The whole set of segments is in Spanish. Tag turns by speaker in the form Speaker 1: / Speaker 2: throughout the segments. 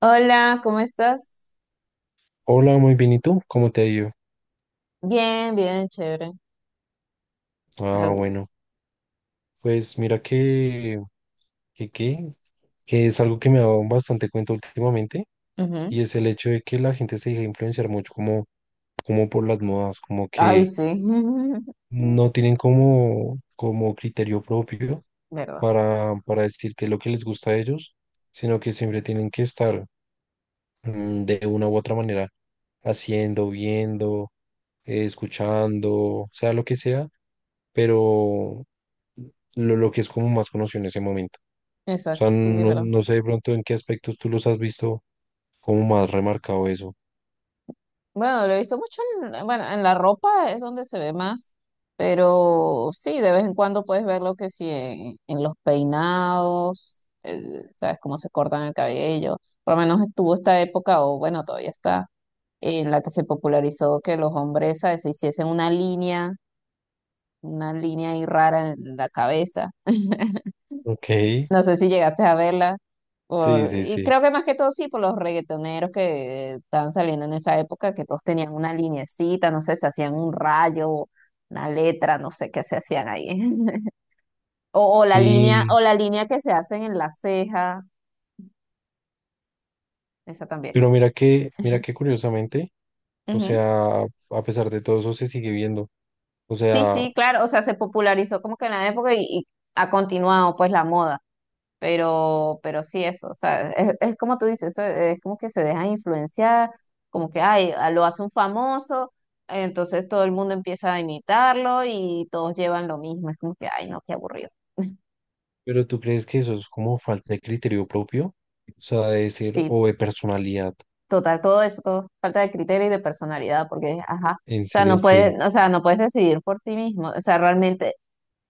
Speaker 1: Hola, ¿cómo estás?
Speaker 2: Hola, muy bien. ¿Y tú? ¿Cómo te ha ido?
Speaker 1: Bien, bien, chévere.
Speaker 2: Ah,
Speaker 1: Al-
Speaker 2: bueno, pues mira que, que, que es algo que me ha dado bastante cuenta últimamente
Speaker 1: ujú.
Speaker 2: y es el hecho de que la gente se deja influenciar mucho como por las modas, como
Speaker 1: Ay,
Speaker 2: que
Speaker 1: sí.
Speaker 2: no tienen como criterio propio
Speaker 1: ¿Verdad?
Speaker 2: para decir qué es lo que les gusta a ellos, sino que siempre tienen que estar de una u otra manera, haciendo, viendo, escuchando, sea lo que sea, pero lo que es como más conocido en ese momento. O
Speaker 1: Exacto,
Speaker 2: sea,
Speaker 1: sí, es verdad.
Speaker 2: no sé de pronto en qué aspectos tú los has visto como más remarcado eso.
Speaker 1: Bueno, lo he visto mucho en, bueno, en la ropa es donde se ve más, pero sí, de vez en cuando puedes verlo que sí en los peinados, sabes cómo se cortan el cabello. Por lo menos estuvo esta época, o bueno, todavía está, en la que se popularizó que los hombres, ¿sabes?, se hiciesen una línea ahí rara en la cabeza.
Speaker 2: Ok, sí,
Speaker 1: No sé si llegaste a verla.
Speaker 2: sí,
Speaker 1: Por, y
Speaker 2: sí.
Speaker 1: creo que más que todo sí, por los reggaetoneros que estaban saliendo en esa época, que todos tenían una linecita, no sé, se hacían un rayo, una letra, no sé qué se hacían ahí. O,
Speaker 2: Sí,
Speaker 1: o la línea que se hacen en la ceja, esa también.
Speaker 2: pero mira que curiosamente, o
Speaker 1: Ujú.
Speaker 2: sea, a pesar de todo eso se sigue viendo. O
Speaker 1: Sí,
Speaker 2: sea,
Speaker 1: sí, claro, o sea, se popularizó como que en la época y ha continuado pues la moda. Pero sí, eso, o sea, es como tú dices, eso es como que se dejan influenciar, como que, ay, lo hace un famoso, entonces todo el mundo empieza a imitarlo y todos llevan lo mismo, es como que, ay, no, qué aburrido.
Speaker 2: pero tú crees que eso es como falta de criterio propio, o sea, de decir,
Speaker 1: Sí,
Speaker 2: o de personalidad.
Speaker 1: total, todo eso, todo, falta de criterio y de personalidad, porque, ajá,
Speaker 2: En
Speaker 1: o sea,
Speaker 2: serio,
Speaker 1: no
Speaker 2: sí.
Speaker 1: puedes, o sea, no puedes decidir por ti mismo, o sea, realmente,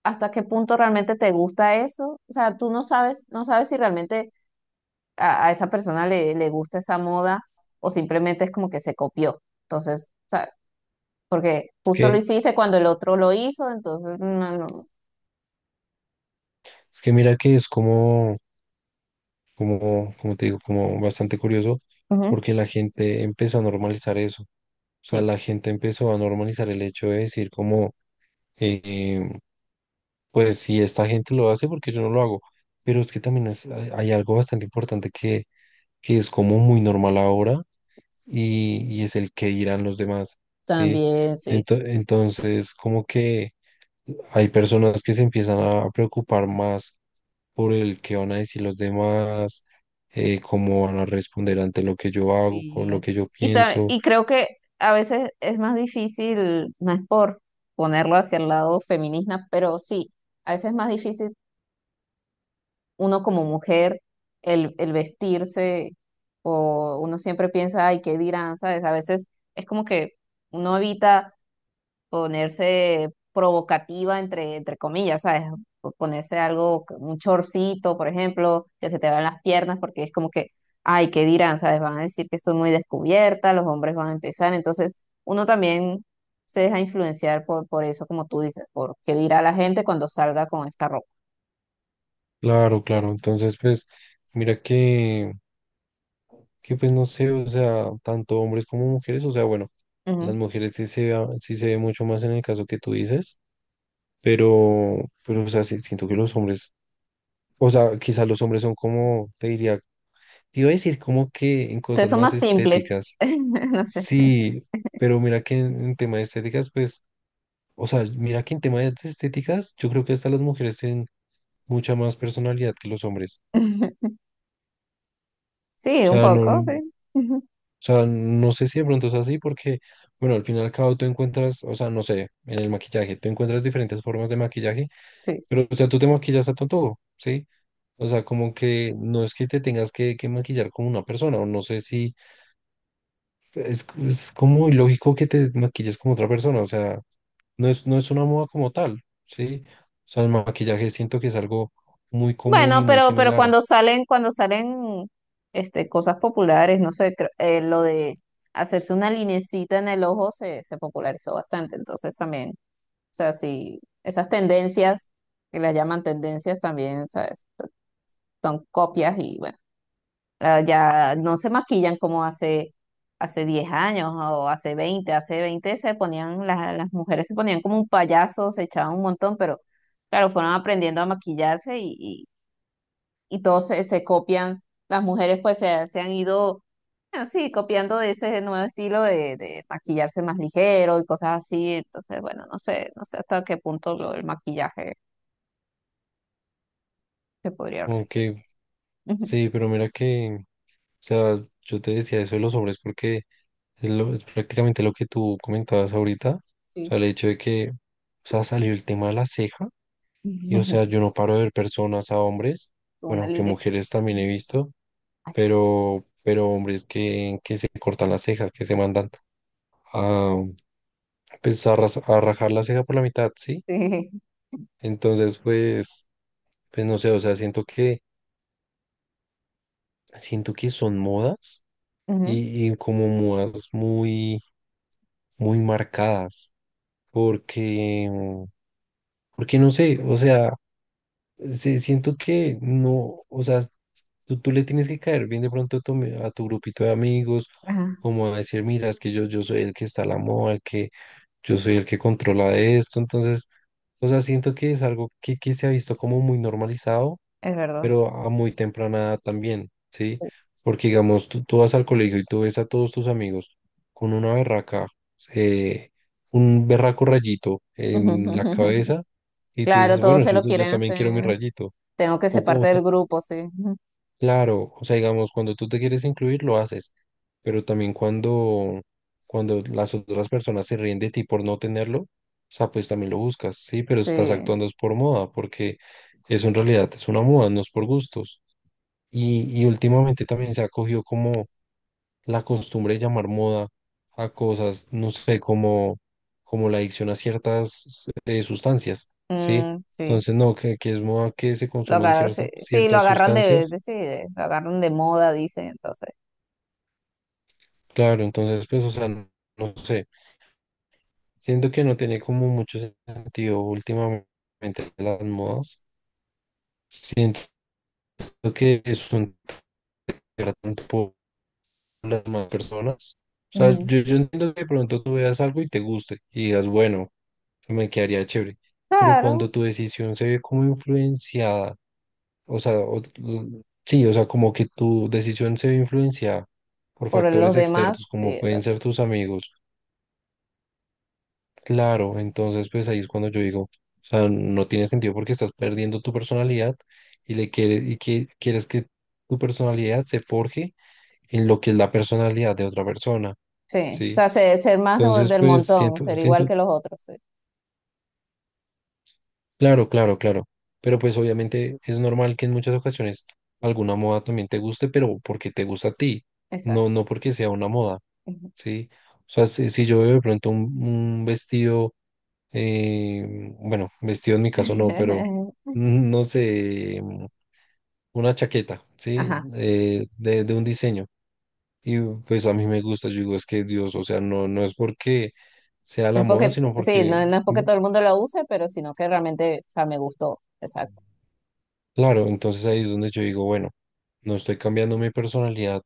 Speaker 1: hasta qué punto realmente te gusta eso, o sea, tú no sabes, no sabes si realmente a esa persona le gusta esa moda o simplemente es como que se copió. Entonces, ¿sabes? Porque
Speaker 2: Es
Speaker 1: justo lo
Speaker 2: que,
Speaker 1: hiciste cuando el otro lo hizo, entonces, no, no.
Speaker 2: es que mira que es como, como te digo, como bastante curioso,
Speaker 1: Ujú.
Speaker 2: porque la gente empezó a normalizar eso. O sea,
Speaker 1: Sí,
Speaker 2: la gente empezó a normalizar el hecho de decir como, eh, pues si esta gente lo hace, porque yo no lo hago. Pero es que también hay algo bastante importante que es como muy normal ahora y es el que dirán los demás, ¿sí?
Speaker 1: también, sí.
Speaker 2: Entonces, como que hay personas que se empiezan a preocupar más por el que van a decir los demás, cómo van a responder ante lo que yo hago,
Speaker 1: Sí.
Speaker 2: con lo que yo
Speaker 1: Y,
Speaker 2: pienso.
Speaker 1: y creo que a veces es más difícil, no es por ponerlo hacia el lado feminista, pero sí, a veces es más difícil uno como mujer el vestirse o uno siempre piensa, ay, ¿qué dirán? ¿Sabes? A veces es como que uno evita ponerse provocativa entre comillas, ¿sabes? O ponerse algo, un chorcito, por ejemplo, que se te vean las piernas, porque es como que, ay, ¿qué dirán? ¿Sabes? Van a decir que estoy muy descubierta, los hombres van a empezar, entonces uno también se deja influenciar por eso, como tú dices, por qué dirá la gente cuando salga con esta ropa.
Speaker 2: Claro, claro. Entonces, pues, mira que pues no sé, o sea, tanto hombres como mujeres, o sea, bueno, las
Speaker 1: Ujú.
Speaker 2: mujeres sí se, sí se ve mucho más en el caso que tú dices. Pero, pero, o sea, sí, siento que los hombres o sea, quizás los hombres son como, te diría, te iba a decir como que en
Speaker 1: Entonces
Speaker 2: cosas
Speaker 1: son
Speaker 2: más
Speaker 1: más simples,
Speaker 2: estéticas.
Speaker 1: no sé.
Speaker 2: Sí, pero mira que en tema de estéticas, pues, o sea, mira que en tema de estéticas, yo creo que hasta las mujeres tienen mucha más personalidad que los hombres.
Speaker 1: Sí, un poco,
Speaker 2: O
Speaker 1: sí.
Speaker 2: sea, no sé si de pronto es así porque, bueno, al final y al cabo tú encuentras, o sea, no sé, en el maquillaje, tú encuentras diferentes formas de maquillaje,
Speaker 1: Sí.
Speaker 2: pero, o sea, tú te maquillas a todo, ¿sí? O sea, como que no es que te tengas que maquillar como una persona, o no sé si es, es como ilógico que te maquilles como otra persona, o sea, no es, no es una moda como tal, ¿sí? O sea, el maquillaje siento que es algo muy común
Speaker 1: Bueno,
Speaker 2: y muy
Speaker 1: pero
Speaker 2: similar,
Speaker 1: cuando salen este, cosas populares, no sé, lo de hacerse una linecita en el ojo se, se popularizó bastante. Entonces también, o sea, sí, esas tendencias, que las llaman tendencias también, ¿sabes? Son copias y bueno, ah, ya no se maquillan como hace, hace 10 años o hace 20, hace 20 se ponían, las mujeres se ponían como un payaso, se echaban un montón, pero claro, fueron aprendiendo a maquillarse y todos se, se copian, las mujeres pues se han ido así copiando de ese nuevo estilo de maquillarse más ligero y cosas así, entonces bueno, no sé, no sé hasta qué punto lo del maquillaje se podría hablar, sí.
Speaker 2: aunque
Speaker 1: Ujú,
Speaker 2: sí, pero mira que, o sea, yo te decía eso de los hombres porque es, es prácticamente lo que tú comentabas ahorita, o
Speaker 1: sí.
Speaker 2: sea, el hecho de que, o sea, salió el tema de la ceja y, o sea, yo no paro de ver personas a hombres,
Speaker 1: Con una
Speaker 2: bueno, que
Speaker 1: linecita.
Speaker 2: mujeres también he
Speaker 1: Ujú.
Speaker 2: visto,
Speaker 1: Ay,
Speaker 2: pero hombres que se cortan la ceja, que se mandan a, pues, a, a rajar la ceja por la mitad, ¿sí?
Speaker 1: sí.
Speaker 2: Entonces, pues, pues no sé, o sea, siento que son modas
Speaker 1: Ujú.
Speaker 2: y como modas muy, muy marcadas, porque, porque no sé, o sea, siento que no, o sea, tú le tienes que caer bien de pronto a tu, a tu grupito de amigos,
Speaker 1: Ajá,
Speaker 2: como a decir, mira, es que yo soy el que está a la moda, el que yo soy el que controla esto. Entonces, o sea, siento que es algo que se ha visto como muy normalizado,
Speaker 1: es verdad.
Speaker 2: pero a muy temprana edad también, ¿sí?
Speaker 1: Sí.
Speaker 2: Porque, digamos, tú vas al colegio y tú ves a todos tus amigos con una berraca, eh, un berraco rayito en la cabeza, y tú
Speaker 1: Claro,
Speaker 2: dices,
Speaker 1: todos
Speaker 2: bueno,
Speaker 1: se
Speaker 2: yo,
Speaker 1: lo
Speaker 2: yo
Speaker 1: quieren
Speaker 2: también quiero mi
Speaker 1: hacer.
Speaker 2: rayito.
Speaker 1: Tengo que ser parte del grupo, sí. Ujú.
Speaker 2: Claro, o sea, digamos, cuando tú te quieres incluir, lo haces, pero también cuando, cuando las otras personas se ríen de ti por no tenerlo, o sea, pues también lo buscas, sí, pero estás
Speaker 1: Sí.
Speaker 2: actuando es por moda, porque eso en realidad es una moda, no es por gustos. Y últimamente también se ha cogido como la costumbre de llamar moda a cosas, no sé, como, como la adicción a ciertas sustancias, sí.
Speaker 1: Mm, sí.
Speaker 2: Entonces, no, que es moda que se
Speaker 1: Lo
Speaker 2: consuman
Speaker 1: agarraron, sí,
Speaker 2: ciertas,
Speaker 1: sí, lo
Speaker 2: ciertas
Speaker 1: agarran de,
Speaker 2: sustancias.
Speaker 1: sí, lo agarran de moda, dicen, entonces.
Speaker 2: Claro, entonces, pues, o sea, no, no sé, siento que no tiene como mucho sentido últimamente las modas, siento que es un tanto por las más personas, o sea,
Speaker 1: Ujú.
Speaker 2: yo entiendo que de pronto tú veas algo y te guste y digas, bueno, me quedaría chévere, pero
Speaker 1: Claro,
Speaker 2: cuando tu decisión se ve como influenciada, o sea, sí, o sea, como que tu decisión se ve influenciada por
Speaker 1: por los
Speaker 2: factores externos,
Speaker 1: demás, sí,
Speaker 2: como pueden
Speaker 1: exacto.
Speaker 2: ser tus amigos. Claro, entonces pues ahí es cuando yo digo, o sea, no tiene sentido porque estás perdiendo tu personalidad y le quieres y que quieres que tu personalidad se forje en lo que es la personalidad de otra persona,
Speaker 1: Sí, o
Speaker 2: ¿sí?
Speaker 1: sea, ser, más
Speaker 2: Entonces
Speaker 1: del
Speaker 2: pues
Speaker 1: montón,
Speaker 2: siento
Speaker 1: ser igual
Speaker 2: siento
Speaker 1: que los otros, sí.
Speaker 2: claro, claro, claro, pero pues obviamente es normal que en muchas ocasiones alguna moda también te guste, pero porque te gusta a ti, no
Speaker 1: Exacto.
Speaker 2: no porque sea una moda,
Speaker 1: Ujú.
Speaker 2: ¿sí? O sea, si, si yo veo de pronto un vestido bueno, vestido en mi caso no, pero no sé, una chaqueta, ¿sí?
Speaker 1: Ajá.
Speaker 2: De un diseño. Y pues a mí me gusta, yo digo, es que Dios, o sea, no, no es porque sea
Speaker 1: No
Speaker 2: la
Speaker 1: es
Speaker 2: moda,
Speaker 1: porque,
Speaker 2: sino
Speaker 1: sí,
Speaker 2: porque,
Speaker 1: no, no es porque
Speaker 2: mm,
Speaker 1: todo el mundo lo use, pero sino que realmente, o sea, me gustó. Exacto.
Speaker 2: claro, entonces ahí es donde yo digo, bueno, no estoy cambiando mi personalidad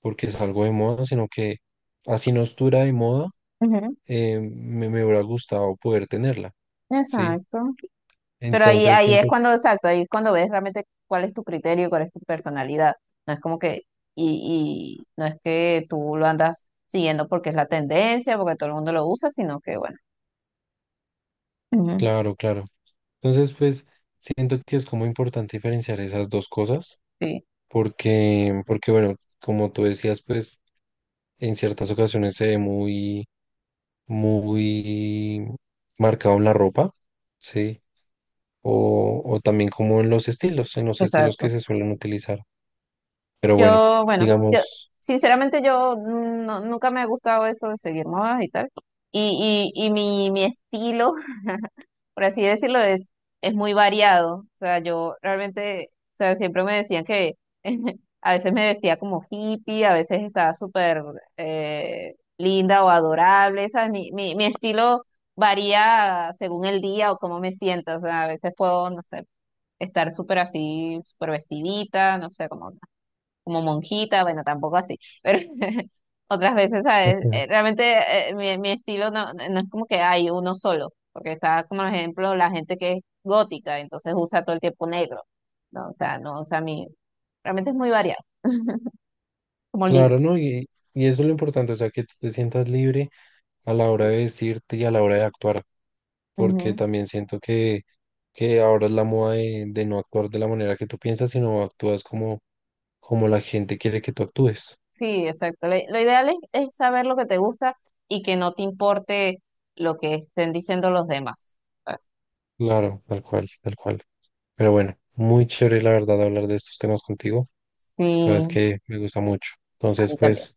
Speaker 2: porque es algo de moda, sino que así no estuviera de moda,
Speaker 1: Ujú.
Speaker 2: me, me hubiera gustado poder tenerla, ¿sí?
Speaker 1: Exacto. Pero ahí,
Speaker 2: Entonces
Speaker 1: ahí es
Speaker 2: siento que,
Speaker 1: cuando, exacto, ahí es cuando ves realmente cuál es tu criterio, cuál es tu personalidad. No es como que, y no es que tú lo andas siguiendo porque es la tendencia, porque todo el mundo lo usa, sino que bueno. Ujú.
Speaker 2: claro, claro. Entonces, pues siento que es como importante diferenciar esas dos cosas,
Speaker 1: Sí,
Speaker 2: porque, porque bueno, como tú decías, pues en ciertas ocasiones se ve muy, muy marcado en la ropa, ¿sí? O también como en los estilos que
Speaker 1: exacto.
Speaker 2: se suelen utilizar. Pero bueno,
Speaker 1: Yo, bueno, yo,
Speaker 2: digamos,
Speaker 1: sinceramente yo nunca me ha gustado eso de seguir modas y tal. Y mi estilo por así decirlo, es muy variado. O sea, yo realmente, o sea, siempre me decían que a veces me vestía como hippie, a veces estaba súper linda o adorable. O sea, mi estilo varía según el día o cómo me siento. O sea, a veces puedo, no sé, estar súper así, súper vestidita, no sé, como como monjita, bueno, tampoco así, pero otras veces, ¿sabes?
Speaker 2: ujú.
Speaker 1: Realmente mi, mi estilo no, no es como que hay uno solo, porque está como por ejemplo la gente que es gótica, entonces usa todo el tiempo negro, ¿no? O sea, no, o sea, mi, realmente es muy variado, como libre.
Speaker 2: Claro, ¿no? Y eso es lo importante, o sea, que tú te sientas libre a la hora de vestirte y a la hora de actuar. Porque
Speaker 1: Ujú.
Speaker 2: también siento que ahora es la moda de no actuar de la manera que tú piensas, sino actúas como, como la gente quiere que tú actúes.
Speaker 1: Sí, exacto. Lo ideal es saber lo que te gusta y que no te importe lo que estén diciendo los demás. ¿Sabes?
Speaker 2: Claro, tal cual, tal cual. Pero bueno, muy chévere la verdad hablar de estos temas contigo. Sabes
Speaker 1: Sí,
Speaker 2: que me gusta mucho.
Speaker 1: a
Speaker 2: Entonces,
Speaker 1: mí también.
Speaker 2: pues,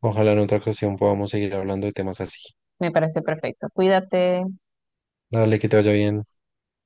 Speaker 2: ojalá en otra ocasión podamos seguir hablando de temas así.
Speaker 1: Me parece perfecto. Cuídate.
Speaker 2: Dale, que te vaya bien.